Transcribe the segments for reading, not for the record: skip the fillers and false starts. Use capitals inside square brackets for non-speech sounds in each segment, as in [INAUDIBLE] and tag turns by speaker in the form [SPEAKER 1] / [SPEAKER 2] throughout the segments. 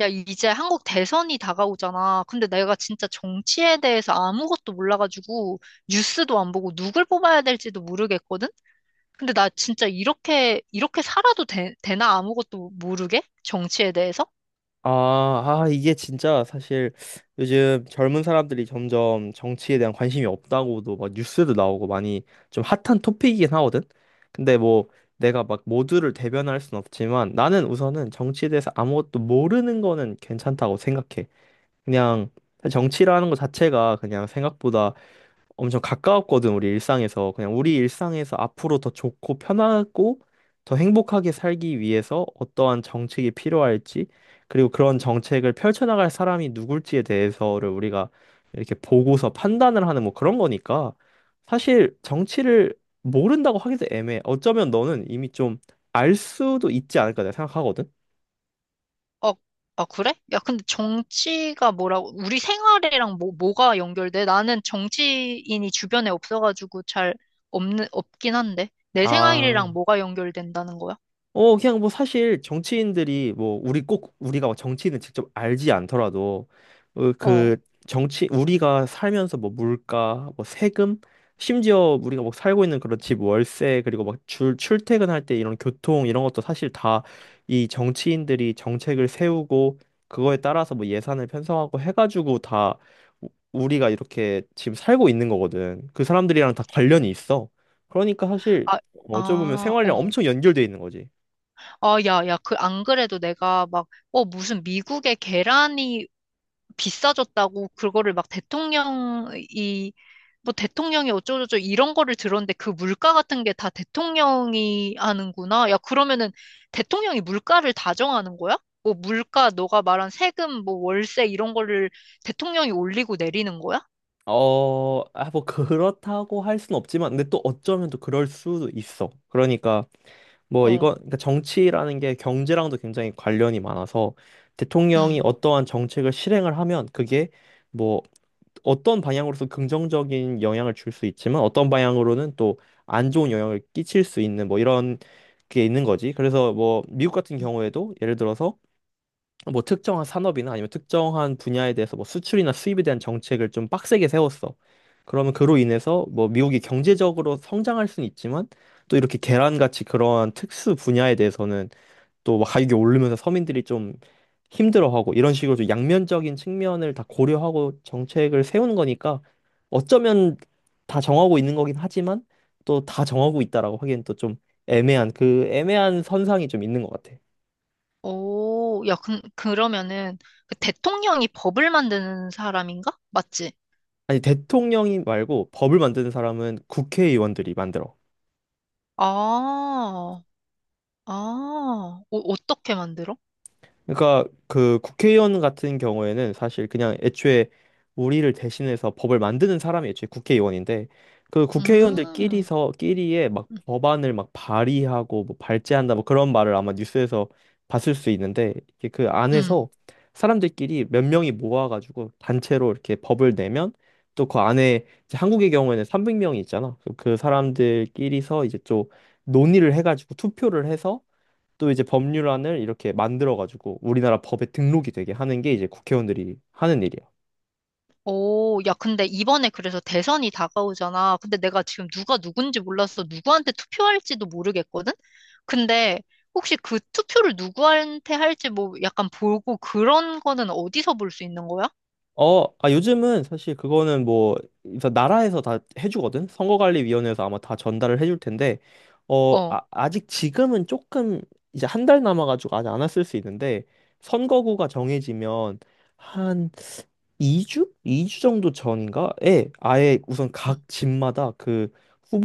[SPEAKER 1] 야, 이제 한국 대선이 다가오잖아. 근데 내가 진짜 정치에 대해서 아무것도 몰라가지고 뉴스도 안 보고 누굴 뽑아야 될지도 모르겠거든? 근데 나 진짜 이렇게 살아도 되나? 아무것도 모르게? 정치에 대해서?
[SPEAKER 2] 이게 진짜 사실, 요즘 젊은 사람들이 점점 정치에 대한 관심이 없다고도 막 뉴스도 나오고 많이 좀 핫한 토픽이긴 하거든. 근데 뭐, 내가 막 모두를 대변할 순 없지만 나는 우선은 정치에 대해서 아무것도 모르는 거는 괜찮다고 생각해. 그냥 사실 정치라는 것 자체가 그냥 생각보다 엄청 가까웠거든, 우리 일상에서. 그냥 우리 일상에서 앞으로 더 좋고 편하고 더 행복하게 살기 위해서 어떠한 정책이 필요할지, 그리고 그런 정책을 펼쳐나갈 사람이 누굴지에 대해서를 우리가 이렇게 보고서 판단을 하는 뭐 그런 거니까, 사실 정치를 모른다고 하기도 애매해. 어쩌면 너는 이미 좀 알 수도 있지 않을까 내가 생각하거든.
[SPEAKER 1] 어, 아, 그래? 야, 근데 정치가 뭐라고, 우리 생활이랑 뭐가 연결돼? 나는 정치인이 주변에 없어가지고 잘 없긴 한데. 내 생활이랑
[SPEAKER 2] 아.
[SPEAKER 1] 뭐가 연결된다는 거야?
[SPEAKER 2] 그냥 뭐 사실 정치인들이, 뭐 우리 꼭 우리가 뭐 정치인을 직접 알지 않더라도, 어,
[SPEAKER 1] 어.
[SPEAKER 2] 그 정치, 우리가 살면서 뭐 물가, 뭐 세금, 심지어 우리가 뭐 살고 있는 그런 집 월세, 그리고 막 출퇴근할 때 이런 교통 이런 것도 사실 다 이 정치인들이 정책을 세우고 그거에 따라서 뭐 예산을 편성하고 해가지고, 다 우리가 이렇게 지금 살고 있는 거거든. 그 사람들이랑 다 관련이 있어. 그러니까 사실,
[SPEAKER 1] 아,
[SPEAKER 2] 어쩌면
[SPEAKER 1] 아,
[SPEAKER 2] 생활이랑
[SPEAKER 1] 어.
[SPEAKER 2] 엄청 연결돼 있는 거지.
[SPEAKER 1] 아, 야, 야, 안 그래도 내가 막, 무슨 미국의 계란이 비싸졌다고 그거를 막 대통령이, 뭐 대통령이 어쩌고저쩌고 이런 거를 들었는데 그 물가 같은 게 다 대통령이 하는구나. 야, 그러면은 대통령이 물가를 다 정하는 거야? 뭐 물가, 너가 말한 세금, 뭐 월세 이런 거를 대통령이 올리고 내리는 거야?
[SPEAKER 2] 그렇다고 할 순 없지만, 근데 또 어쩌면 또 그럴 수도 있어. 그러니까, 뭐,
[SPEAKER 1] 어,
[SPEAKER 2] 이거, 그러니까 정치라는 게 경제랑도 굉장히 관련이 많아서, 대통령이
[SPEAKER 1] 응.
[SPEAKER 2] 어떠한 정책을 실행을 하면, 그게 뭐, 어떤 방향으로서 긍정적인 영향을 줄 수 있지만, 어떤 방향으로는 또 안 좋은 영향을 끼칠 수 있는, 뭐, 이런 게 있는 거지. 그래서 뭐, 미국 같은
[SPEAKER 1] 응.
[SPEAKER 2] 경우에도, 예를 들어서, 뭐 특정한 산업이나 아니면 특정한 분야에 대해서 뭐 수출이나 수입에 대한 정책을 좀 빡세게 세웠어. 그러면 그로 인해서 뭐 미국이 경제적으로 성장할 수는 있지만, 또 이렇게 계란같이 그러한 특수 분야에 대해서는 또막 가격이 오르면서 서민들이 좀 힘들어하고, 이런 식으로 좀 양면적인 측면을 다 고려하고 정책을 세우는 거니까, 어쩌면 다 정하고 있는 거긴 하지만 또 다 정하고 있다라고 하기엔 또 좀 애매한 선상이 좀 있는 것 같아.
[SPEAKER 1] 오, 야, 그러면은 그 대통령이 법을 만드는 사람인가? 맞지?
[SPEAKER 2] 아니, 대통령이 말고 법을 만드는 사람은 국회의원들이 만들어.
[SPEAKER 1] 아, 아, 어떻게 만들어?
[SPEAKER 2] 그러니까 그 국회의원 같은 경우에는 사실 그냥 애초에 우리를 대신해서 법을 만드는 사람이 애초에 국회의원인데, 그
[SPEAKER 1] 음,
[SPEAKER 2] 국회의원들끼리서 끼리에 막
[SPEAKER 1] 음,
[SPEAKER 2] 법안을 막 발의하고 뭐 발제한다 뭐 그런 말을 아마 뉴스에서 봤을 수 있는데, 이게 그
[SPEAKER 1] 음.
[SPEAKER 2] 안에서 사람들끼리 몇 명이 모아가지고 단체로 이렇게 법을 내면, 또 그 안에 이제 한국의 경우에는 300명이 있잖아. 그 사람들끼리서 이제 또 논의를 해가지고 투표를 해서 또 이제 법률안을 이렇게 만들어가지고 우리나라 법에 등록이 되게 하는 게 이제 국회의원들이 하는 일이야.
[SPEAKER 1] 오, 야, 근데 이번에 그래서 대선이 다가오잖아. 근데 내가 지금 누가 누군지 몰라서 누구한테 투표할지도 모르겠거든? 근데 혹시 그 투표를 누구한테 할지 뭐 약간 보고 그런 거는 어디서 볼 수 있는 거야?
[SPEAKER 2] 요즘은 사실 그거는 뭐, 그래서 나라에서 다 해주거든? 선거관리위원회에서 아마 다 전달을 해줄 텐데,
[SPEAKER 1] 어,
[SPEAKER 2] 아직 지금은 조금, 이제 한 달 남아가지고 아직 안 왔을 수 있는데, 선거구가 정해지면 한 2주? 이주 정도 전인가에 아예 우선
[SPEAKER 1] 음,
[SPEAKER 2] 각 집마다 그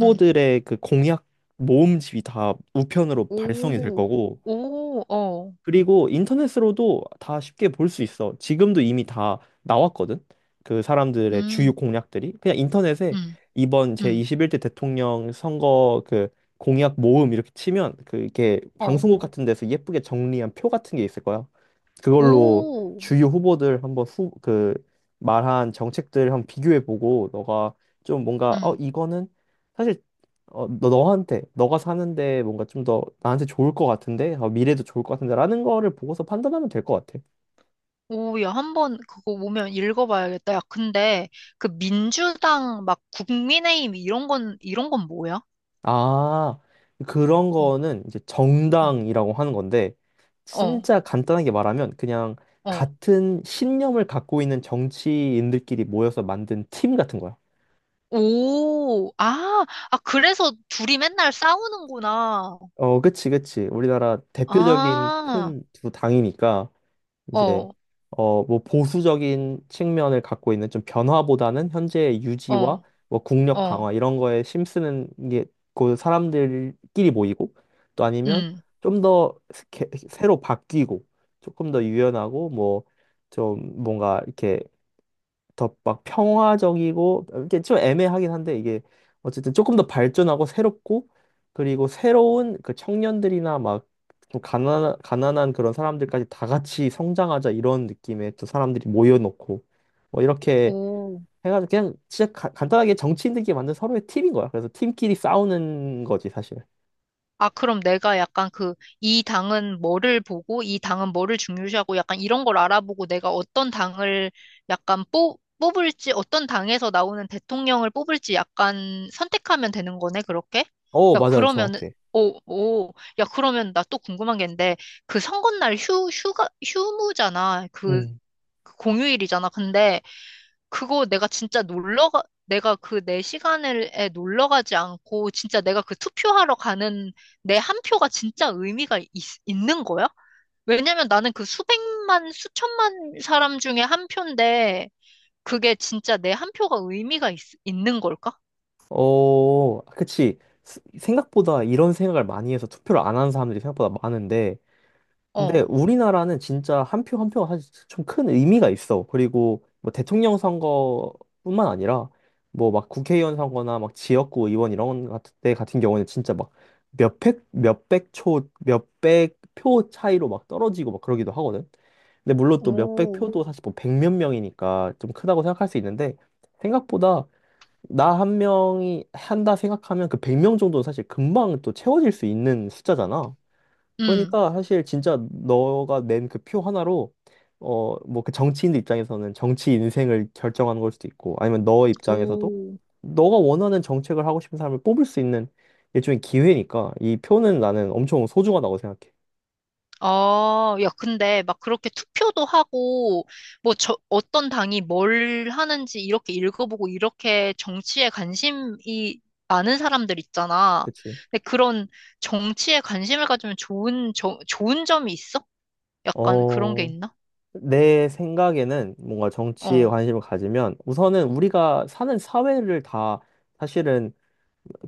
[SPEAKER 1] 음.
[SPEAKER 2] 그 공약 모음집이 다 우편으로 발송이 될
[SPEAKER 1] 오,
[SPEAKER 2] 거고,
[SPEAKER 1] 오, 어,
[SPEAKER 2] 그리고 인터넷으로도 다 쉽게 볼 수 있어. 지금도 이미 다 나왔거든, 그 사람들의 주요
[SPEAKER 1] 음,
[SPEAKER 2] 공약들이. 그냥 인터넷에
[SPEAKER 1] 음,
[SPEAKER 2] 이번
[SPEAKER 1] 음,
[SPEAKER 2] 제21대 대통령 선거 그 공약 모음 이렇게 치면 그게
[SPEAKER 1] 어,
[SPEAKER 2] 방송국 같은 데서 예쁘게 정리한 표 같은 게 있을 거야. 그걸로
[SPEAKER 1] 오,
[SPEAKER 2] 주요 후보들 한번 그 말한 정책들 한번 비교해 보고, 너가 좀 뭔가
[SPEAKER 1] 음.
[SPEAKER 2] 이거는 사실, 너가 사는데 뭔가 좀 더 나한테 좋을 것 같은데? 어, 미래도 좋을 것 같은데? 라는 거를 보고서 판단하면 될 것 같아.
[SPEAKER 1] 오, 야, 한번 그거 오면 읽어봐야겠다. 야, 근데 그 민주당 막 국민의힘 이런 건 뭐야?
[SPEAKER 2] 아, 그런
[SPEAKER 1] 어,
[SPEAKER 2] 거는 이제
[SPEAKER 1] 어,
[SPEAKER 2] 정당이라고 하는 건데,
[SPEAKER 1] 어,
[SPEAKER 2] 진짜 간단하게 말하면 그냥
[SPEAKER 1] 어.
[SPEAKER 2] 같은 신념을 갖고 있는 정치인들끼리 모여서 만든 팀 같은 거야.
[SPEAKER 1] 오, 아, 아, 그래서 둘이 맨날 싸우는구나.
[SPEAKER 2] 그치, 그치. 우리나라 대표적인
[SPEAKER 1] 아,
[SPEAKER 2] 큰 두 당이니까. 이제
[SPEAKER 1] 어,
[SPEAKER 2] 뭐 보수적인 측면을 갖고 있는, 좀 변화보다는 현재의 유지와
[SPEAKER 1] 어,
[SPEAKER 2] 뭐 국력
[SPEAKER 1] 어,
[SPEAKER 2] 강화 이런 거에 힘쓰는 게 그 사람들끼리 모이고, 또 아니면
[SPEAKER 1] 음,
[SPEAKER 2] 좀 더 새로 바뀌고 조금 더 유연하고 뭐 좀 뭔가 이렇게 더 막 평화적이고, 이게 좀 애매하긴 한데, 이게 어쨌든 조금 더 발전하고 새롭고, 그리고 새로운 그 청년들이나 막 좀 가난한 그런 사람들까지 다 같이 성장하자 이런 느낌의 또 사람들이 모여놓고 뭐 이렇게
[SPEAKER 1] 오.
[SPEAKER 2] 해가지고, 그냥 진짜 간단하게 정치인들끼리 만든 서로의 팀인 거야. 그래서 팀끼리 싸우는 거지, 사실.
[SPEAKER 1] 아, 그럼 내가 약간 이 당은 뭐를 보고, 이 당은 뭐를 중요시하고, 약간 이런 걸 알아보고, 내가 어떤 당을 약간 뽑을지, 어떤 당에서 나오는 대통령을 뽑을지 약간 선택하면 되는 거네, 그렇게?
[SPEAKER 2] 어,
[SPEAKER 1] 야,
[SPEAKER 2] 맞아,
[SPEAKER 1] 그러면은,
[SPEAKER 2] 정확해.
[SPEAKER 1] 오, 오, 야, 그러면 나 또 궁금한 게 있는데, 그 선거날 휴가, 휴무잖아.
[SPEAKER 2] 음.
[SPEAKER 1] 그 공휴일이잖아. 근데, 그거 내가 진짜 내가 그 내 시간에 놀러 가지 않고 진짜 내가 그 투표하러 가는 내 한 표가 진짜 의미가 있는 거야? 왜냐면 나는 그 수백만, 수천만 사람 중에 한 표인데 그게 진짜 내 한 표가 의미가 있는 걸까?
[SPEAKER 2] 어, 그치. 생각보다 이런 생각을 많이 해서 투표를 안 하는 사람들이 생각보다 많은데,
[SPEAKER 1] 어,
[SPEAKER 2] 근데 우리나라는 진짜 한 표 한 표가 사실 좀 큰 의미가 있어. 그리고 뭐 대통령 선거뿐만 아니라 뭐 막 국회의원 선거나 막 지역구 의원 이런 것 같은 때 같은 경우는 진짜 막 몇백 표 차이로 막 떨어지고 막 그러기도 하거든. 근데 물론 또 몇백
[SPEAKER 1] 오,
[SPEAKER 2] 표도 사실 뭐 백몇 명이니까 좀 크다고 생각할 수 있는데, 생각보다, 나 한 명이 한다 생각하면 그 100명 정도는 사실 금방 또 채워질 수 있는 숫자잖아.
[SPEAKER 1] 음,
[SPEAKER 2] 그러니까 사실 진짜 너가 낸 그 표 하나로 뭐 그 정치인들 입장에서는 정치 인생을 결정하는 걸 수도 있고, 아니면 너 입장에서도
[SPEAKER 1] 오.
[SPEAKER 2] 너가 원하는 정책을 하고 싶은 사람을 뽑을 수 있는 일종의 기회니까, 이 표는 나는 엄청 소중하다고 생각해.
[SPEAKER 1] 아, 야, 근데 막 그렇게 투표도 하고, 뭐, 저, 어떤 당이 뭘 하는지 이렇게 읽어보고, 이렇게 정치에 관심이 많은 사람들 있잖아.
[SPEAKER 2] 그치?
[SPEAKER 1] 근데 그런 정치에 관심을 가지면 좋은 점이 있어? 약간 그런 게
[SPEAKER 2] 어,
[SPEAKER 1] 있나?
[SPEAKER 2] 내 생각에는 뭔가 정치에
[SPEAKER 1] 어,
[SPEAKER 2] 관심을 가지면 우선은 우리가 사는 사회를 다, 사실은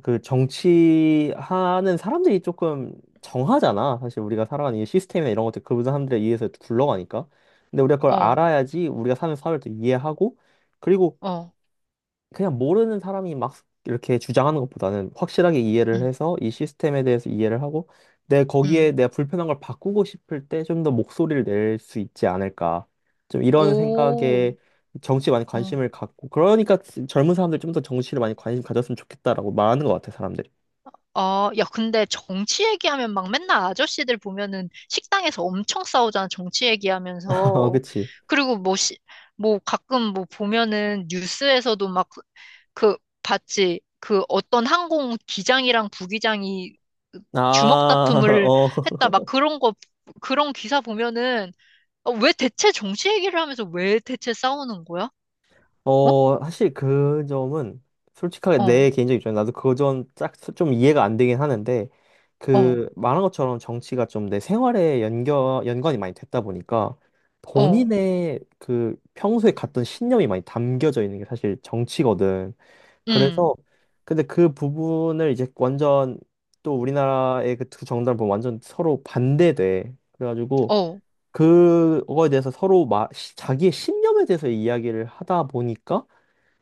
[SPEAKER 2] 그 정치하는 사람들이 조금 정하잖아. 사실 우리가 살아가는 이 시스템이나 이런 것들 그 사람들에 의해서 굴러가니까. 근데 우리가 그걸
[SPEAKER 1] 어,
[SPEAKER 2] 알아야지 우리가 사는 사회를 또 이해하고, 그리고
[SPEAKER 1] 어,
[SPEAKER 2] 그냥 모르는 사람이 막 이렇게 주장하는 것보다는 확실하게 이해를
[SPEAKER 1] 음,
[SPEAKER 2] 해서 이 시스템에 대해서 이해를 하고, 내 거기에
[SPEAKER 1] 음.
[SPEAKER 2] 내가 불편한 걸 바꾸고 싶을 때 좀 더 목소리를 낼 수 있지 않을까. 좀 이런
[SPEAKER 1] 오,
[SPEAKER 2] 생각에 정치에 많이
[SPEAKER 1] 어.
[SPEAKER 2] 관심을 갖고, 그러니까 젊은 사람들 좀 더 정치를 많이 관심 가졌으면 좋겠다라고 말하는 것 같아, 사람들이.
[SPEAKER 1] 어, 야, 근데 정치 얘기하면 막 맨날 아저씨들 보면은 식당에서 엄청 싸우잖아, 정치
[SPEAKER 2] 어,
[SPEAKER 1] 얘기하면서.
[SPEAKER 2] 그치.
[SPEAKER 1] 그리고 뭐, 뭐 가끔 뭐 보면은 뉴스에서도 막 그 봤지. 그 어떤 항공 기장이랑 부기장이
[SPEAKER 2] 아,
[SPEAKER 1] 주먹
[SPEAKER 2] [LAUGHS]
[SPEAKER 1] 다툼을
[SPEAKER 2] 어,
[SPEAKER 1] 했다, 막 그런 거, 그런 기사 보면은 어, 왜 대체 정치 얘기를 하면서 왜 대체 싸우는 거야? 어?
[SPEAKER 2] 사실 그 점은, 솔직하게
[SPEAKER 1] 어,
[SPEAKER 2] 내 개인적 입장에 나도 그 점 딱 좀 이해가 안 되긴 하는데,
[SPEAKER 1] 어,
[SPEAKER 2] 그 말한 것처럼 정치가 좀 내 생활에 연관이 많이 됐다 보니까,
[SPEAKER 1] 어,
[SPEAKER 2] 본인의 그 평소에 갔던 신념이 많이 담겨져 있는 게 사실 정치거든.
[SPEAKER 1] 음,
[SPEAKER 2] 그래서, 근데 그 부분을 이제 완전, 또 우리나라의 그 두 정당을 보면 완전 서로 반대돼. 그래가지고
[SPEAKER 1] 어,
[SPEAKER 2] 그거에 대해서 서로 자기의 신념에 대해서 이야기를 하다 보니까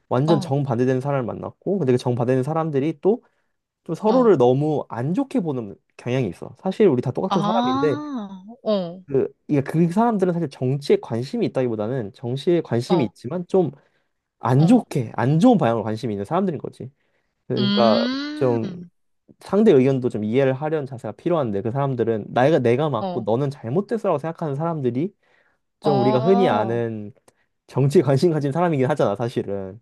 [SPEAKER 2] 완전
[SPEAKER 1] 어,
[SPEAKER 2] 정반대되는 사람을 만났고, 근데 그 정반대되는 사람들이 또 좀
[SPEAKER 1] 어.
[SPEAKER 2] 서로를 너무 안 좋게 보는 경향이 있어. 사실 우리 다 똑같은 사람인데,
[SPEAKER 1] 아, 어,
[SPEAKER 2] 이게 그 사람들은 사실 정치에 관심이 있다기보다는 정치에 관심이
[SPEAKER 1] 어,
[SPEAKER 2] 있지만 좀 안
[SPEAKER 1] 어.
[SPEAKER 2] 좋게, 안 좋은 방향으로 관심이 있는 사람들인 거지. 그러니까 좀
[SPEAKER 1] 음,
[SPEAKER 2] 상대 의견도 좀 이해를 하려는 자세가 필요한데, 그 사람들은 나이가 내가 맞고
[SPEAKER 1] 어,
[SPEAKER 2] 너는 잘못됐어라고 생각하는 사람들이 좀 우리가 흔히
[SPEAKER 1] 어.
[SPEAKER 2] 아는 정치에 관심 가진 사람이긴 하잖아, 사실은.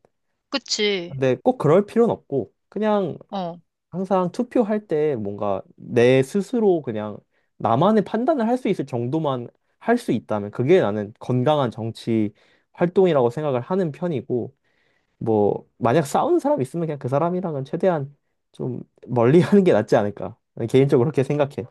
[SPEAKER 1] 그치.
[SPEAKER 2] 근데 꼭 그럴 필요는 없고, 그냥
[SPEAKER 1] 어.
[SPEAKER 2] 항상 투표할 때 뭔가 내 스스로 그냥 나만의 판단을 할 수 있을 정도만 할 수 있다면 그게 나는 건강한 정치 활동이라고 생각을 하는 편이고, 뭐, 만약 싸우는 사람 있으면 그냥 그 사람이랑은 최대한 좀 멀리 [LAUGHS] 하는 게 낫지 않을까. 개인적으로 그렇게 생각해.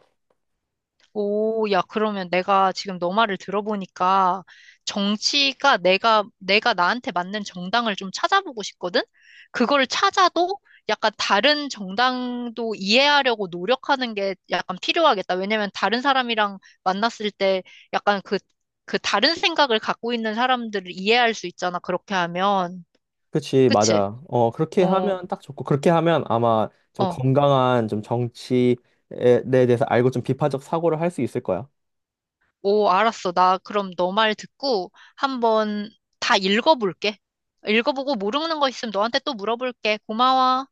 [SPEAKER 1] 오, 야, 그러면 내가 지금 너 말을 들어보니까 정치가 내가 나한테 맞는 정당을 좀 찾아보고 싶거든? 그걸 찾아도 약간 다른 정당도 이해하려고 노력하는 게 약간 필요하겠다. 왜냐면 다른 사람이랑 만났을 때 약간 그 다른 생각을 갖고 있는 사람들을 이해할 수 있잖아. 그렇게 하면.
[SPEAKER 2] 그치,
[SPEAKER 1] 그치?
[SPEAKER 2] 맞아. 그렇게
[SPEAKER 1] 어,
[SPEAKER 2] 하면 딱 좋고, 그렇게 하면 아마 좀
[SPEAKER 1] 어.
[SPEAKER 2] 건강한 좀 정치에 대해서 알고 좀 비판적 사고를 할 수 있을 거야.
[SPEAKER 1] 오, 알았어. 나 그럼 너 말 듣고 한번 다 읽어볼게. 읽어보고 모르는 거 있으면 너한테 또 물어볼게. 고마워.